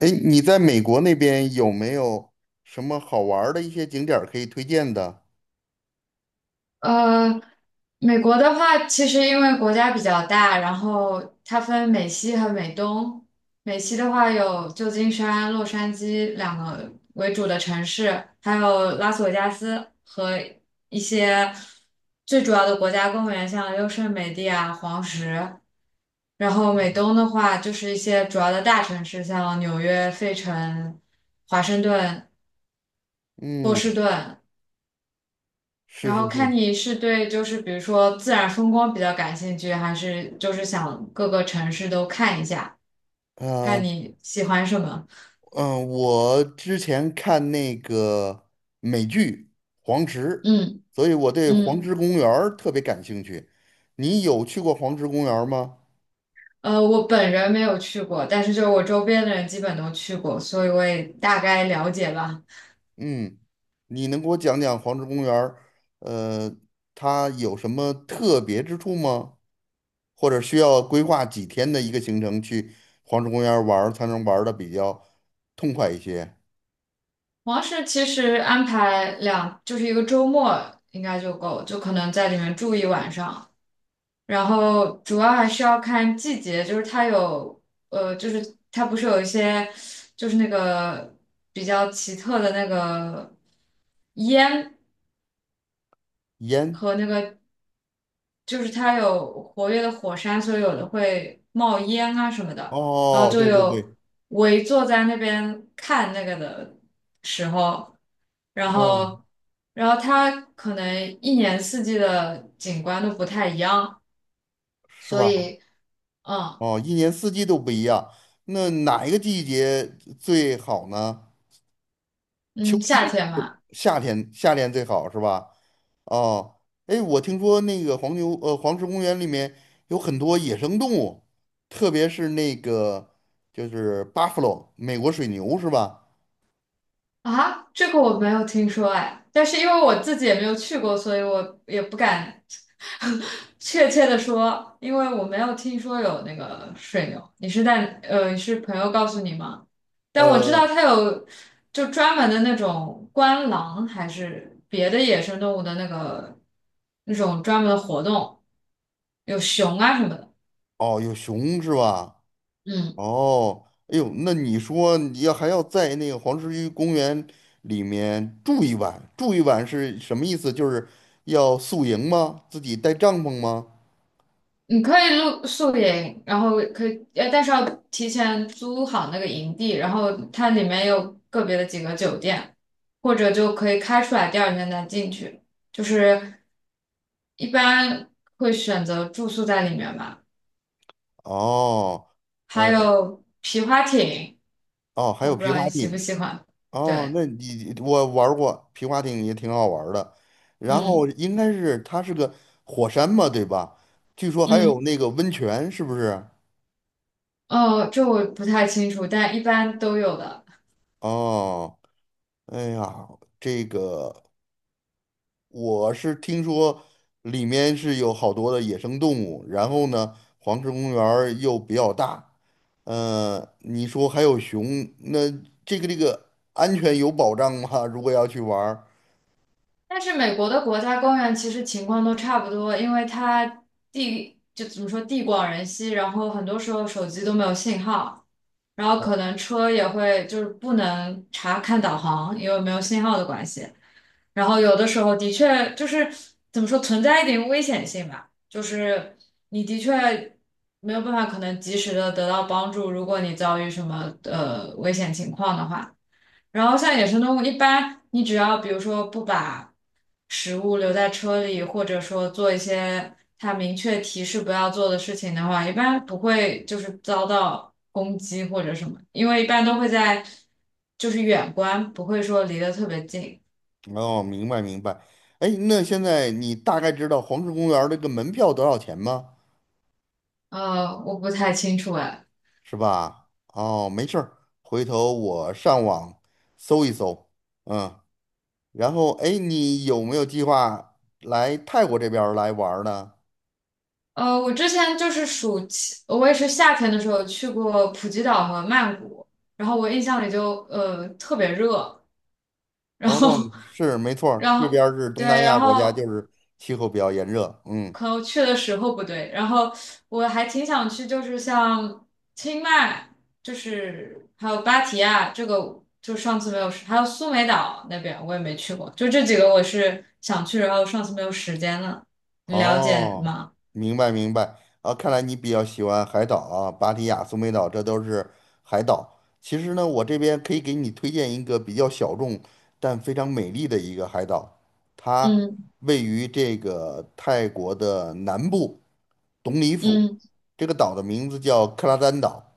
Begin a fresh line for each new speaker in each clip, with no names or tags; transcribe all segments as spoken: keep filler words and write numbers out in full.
哎，你在美国那边有没有什么好玩儿的一些景点儿可以推荐的？
呃，美国的话，其实因为国家比较大，然后它分美西和美东。美西的话有旧金山、洛杉矶两个为主的城市，还有拉斯维加斯和一些最主要的国家公园，像优胜美地啊、黄石。然后美东的话，就是一些主要的大城市，像纽约、费城、华盛顿、波士
嗯，
顿。
是
然
是
后
是，
看你是对就是比如说自然风光比较感兴趣，还是就是想各个城市都看一下，看
呃，
你喜欢什么。
嗯、我之前看那个美剧《黄石》，
嗯
所以我对黄
嗯，
石公园儿特别感兴趣。你有去过黄石公园儿吗？
呃，我本人没有去过，但是就是我周边的人基本都去过，所以我也大概了解吧。
嗯，你能给我讲讲黄石公园儿，呃，它有什么特别之处吗？或者需要规划几天的一个行程去黄石公园儿玩儿才能玩的比较痛快一些。
王室其实安排两就是一个周末应该就够，就可能在里面住一晚上。然后主要还是要看季节，就是它有，呃，就是它不是有一些，就是那个比较奇特的那个烟
烟，
和那个，就是它有活跃的火山，所以有的会冒烟啊什么的。然后
哦，
就
对对
有
对，
围坐在那边看那个的时候，然
哦，
后，然后它可能一年四季的景观都不太一样，
是
所
吧？
以，嗯。
哦，一年四季都不一样，那哪一个季节最好呢？秋
嗯，夏
季，
天嘛，
夏天，夏天最好是吧？哦，哎，我听说那个黄牛，呃，黄石公园里面有很多野生动物，特别是那个就是 buffalo 美国水牛是吧？
啊，这个我没有听说哎，但是因为我自己也没有去过，所以我也不敢 确切的说，因为我没有听说有那个水牛。你是在呃，你是朋友告诉你吗？但我知
呃。
道它有就专门的那种观狼，还是别的野生动物的那个那种专门的活动，有熊啊什么的。
哦，有熊是吧？
嗯，
哦，哎呦，那你说你要还要在那个黄石区公园里面住一晚，住一晚是什么意思？就是要宿营吗？自己带帐篷吗？
你可以露宿营，然后可以，呃，但是要提前租好那个营地，然后它里面有个别的几个酒店，或者就可以开出来，第二天再进去。就是一般会选择住宿在里面吧。
哦，
还
呃，
有皮划艇，
哦，还
我
有
不知
皮
道
划
你喜不
艇。
喜欢。
哦，
对，
那你我玩儿过皮划艇也挺好玩儿的。然后
嗯
应该是它是个火山嘛，对吧？据说还有
嗯，
那个温泉，是不是？
哦，这我不太清楚，但一般都有的。
哦，哎呀，这个。我是听说里面是有好多的野生动物，然后呢，黄石公园儿又比较大，呃，你说还有熊，那这个这个安全有保障吗？如果要去玩儿，
但是美国的国家公园其实情况都差不多，因为它地就怎么说地广人稀，然后很多时候手机都没有信号，然后可能车也会就是不能查看导航，因为没有信号的关系。然后有的时候的确就是怎么说存在一点危险性吧，就是你的确没有办法可能及时的得到帮助，如果你遭遇什么呃危险情况的话。然后像野生动物，一般你只要比如说不把食物留在车里，或者说做一些它明确提示不要做的事情的话，一般不会就是遭到攻击或者什么，因为一般都会在就是远观，不会说离得特别近。
哦，明白明白。哎，那现在你大概知道黄石公园儿这个门票多少钱吗？
呃，我不太清楚哎。
是吧？哦，没事儿，回头我上网搜一搜，嗯，然后哎，你有没有计划来泰国这边儿来玩儿呢？
呃，我之前就是暑期，我也是夏天的时候去过普吉岛和曼谷，然后我印象里就呃特别热，然
哦，
后，
是没错儿
然
这边
后，
儿是东南
对，然
亚国家，就
后
是气候比较炎热。嗯，
可能去的时候不对，然后我还挺想去，就是像清迈，就是还有芭提雅，这个就上次没有时还有苏梅岛那边我也没去过，就这几个我是想去，然后上次没有时间了，你了解
哦，
吗？
明白明白。啊，看来你比较喜欢海岛啊，芭提雅、苏梅岛，这都是海岛。其实呢，我这边可以给你推荐一个比较小众但非常美丽的一个海岛，它
嗯
位于这个泰国的南部董里府。
嗯，
这个岛的名字叫克拉丹岛。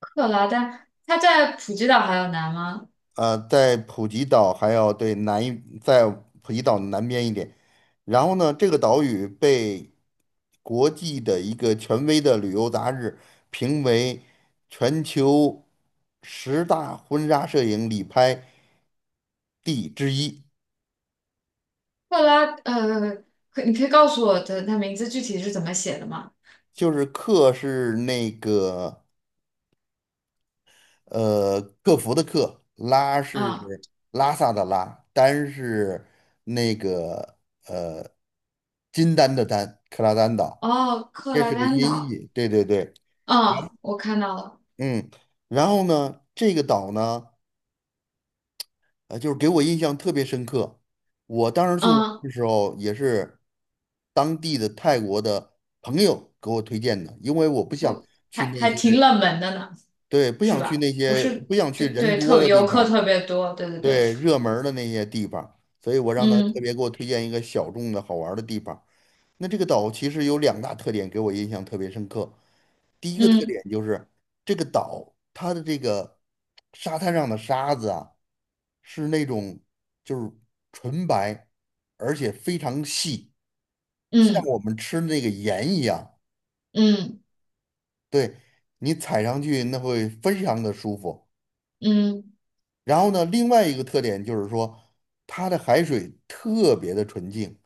克拉丹，它在普吉岛还有南吗？
呃，在普吉岛还要对南一，在普吉岛南边一点。然后呢，这个岛屿被国际的一个权威的旅游杂志评为全球十大婚纱摄影旅拍地之一，
克拉，呃，可你可以告诉我的它名字具体是怎么写的吗？
就是克是那个呃，克服的克，拉嗯
嗯。
是拉萨的拉，丹是那个呃金丹的丹，克拉丹岛，
哦，克
这
拉
是个
丹
音
岛，
译。对对对，
嗯，我看到了，
嗯。然后呢，这个岛呢，呃，就是给我印象特别深刻。我当时去玩
嗯，
的时候，也是当地的泰国的朋友给我推荐的，因为我不想
我还
去那
还
些，
挺冷门的呢，
对，不
是
想去
吧？
那
不
些，
是，
不想去
对
人
对，
多
特别
的地
游客
方。
特别多，对对对，
对，热门儿的那些地方，所以我让他特
嗯
别给我推荐一个小众的好玩儿的地方。那这个岛其实有两大特点给我印象特别深刻。第一个特
嗯
点就是这个岛它的这个沙滩上的沙子啊，是那种就是纯白，而且非常细，像
嗯
我们吃那个盐一样。
嗯
对，你踩上去那会非常的舒服。
嗯
然后呢，另外一个特点就是说，它的海水特别的纯净，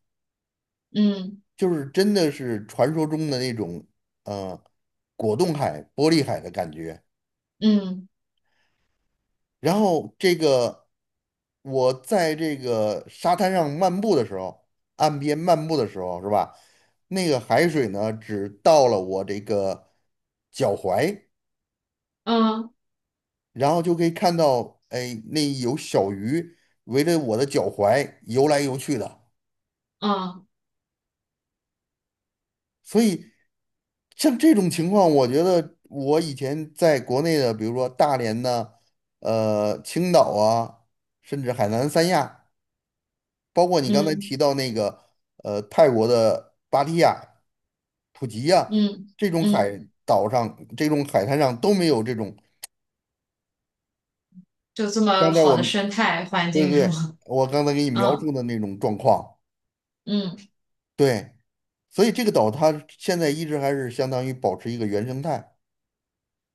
嗯
就是真的是传说中的那种呃果冻海、玻璃海的感觉。
嗯
然后这个我在这个沙滩上漫步的时候，岸边漫步的时候，是吧？那个海水呢，只到了我这个脚踝，
嗯
然后就可以看到，哎，那有小鱼围着我的脚踝游来游去的。
嗯
所以像这种情况，我觉得我以前在国内的，比如说大连呢，呃，青岛啊，甚至海南三亚，包括你刚才
嗯
提到那个呃泰国的芭提雅、普吉呀、
嗯
这种海
嗯，
岛上、这种海滩上都没有这种。
就这
刚
么
才
好
我
的
们
生态环
对
境
对
是
对，
吗？
我刚才给你 描述
嗯
的那种状况，
嗯，
对，所以这个岛它现在一直还是相当于保持一个原生态。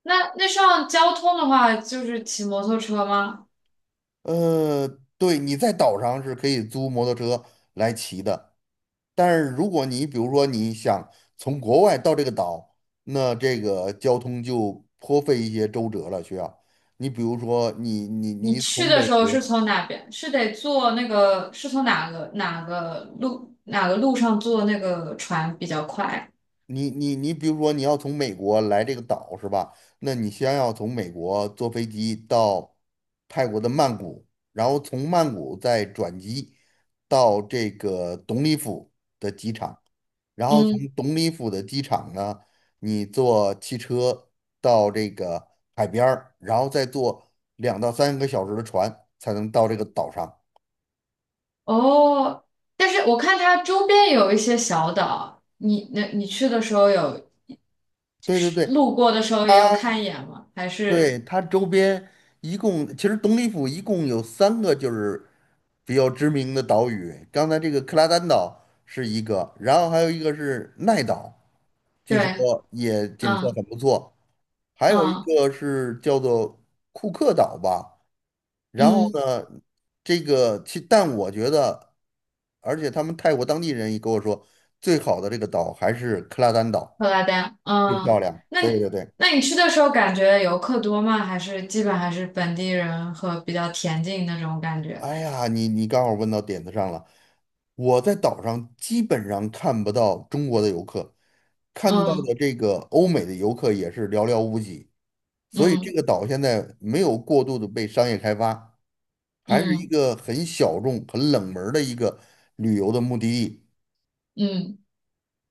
那那上交通的话，就是骑摩托车吗？
呃，对，你在岛上是可以租摩托车来骑的，但是如果你比如说你想从国外到这个岛，那这个交通就颇费一些周折了，需要。你比如说你你
你
你
去
从
的
美
时候是
国。
从哪边？是得坐那个，是从哪个哪个路哪个路上坐那个船比较快？
你你你，比如说你要从美国来这个岛是吧？那你先要从美国坐飞机到泰国的曼谷，然后从曼谷再转机到这个董里府的机场，然后从
嗯，
董里府的机场呢，你坐汽车到这个海边儿，然后再坐两到三个小时的船才能到这个岛上。
哦，但是我看它周边有一些小岛，你那你去的时候有
对对对，
路过的时候也有
它。
看一眼吗？还
对，
是
它周边一共，其实东里府一共有三个就是比较知名的岛屿。刚才这个克拉丹岛是一个，然后还有一个是奈岛，据说
对，
也景色
嗯
很不错。还有一
嗯
个是叫做库克岛吧。然后
嗯，
呢，这个其但我觉得，而且他们泰国当地人也跟我说，最好的这个岛还是克拉丹岛，
布拉丹，
最
嗯，
漂亮。
那
对
你
对对。
那你去的时候感觉游客多吗？还是基本还是本地人和比较恬静那种感觉？
哎呀，你你刚好问到点子上了。我在岛上基本上看不到中国的游客，看到
嗯
的这个欧美的游客也是寥寥无几，所以这
嗯。
个岛现在没有过度的被商业开发，还是一
嗯
个很小众、很冷门儿的一个旅游的目的地。
嗯，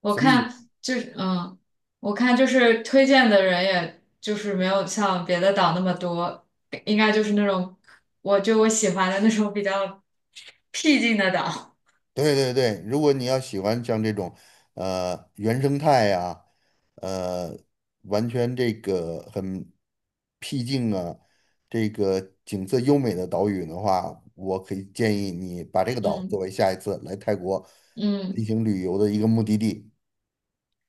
我
所
看
以
就是嗯，我看就是推荐的人，也就是没有像别的岛那么多，应该就是那种我就我喜欢的那种比较僻静的岛。
对对对，如果你要喜欢像这种，呃，原生态呀，呃，完全这个很僻静啊，这个景色优美的岛屿的话，我可以建议你把这个岛作
嗯
为下一次来泰国进
嗯，
行旅游的一个目的地。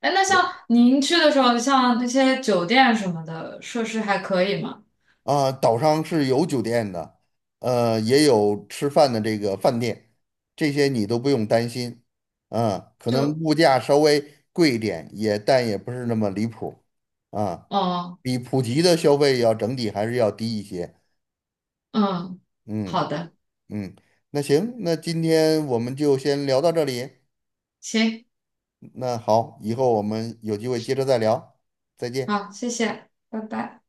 哎，那像您去的时候，像那些酒店什么的设施还可以吗？
啊，岛上是有酒店的，呃，也有吃饭的这个饭店，这些你都不用担心。啊，可能
就
物价稍微贵一点，也但也不是那么离谱。啊，
哦
比普及的消费要整体还是要低一些。
嗯，
嗯
好的，
嗯，那行，那今天我们就先聊到这里。
行，
那好，以后我们有机会接着再聊，再见。
好，谢谢，拜拜。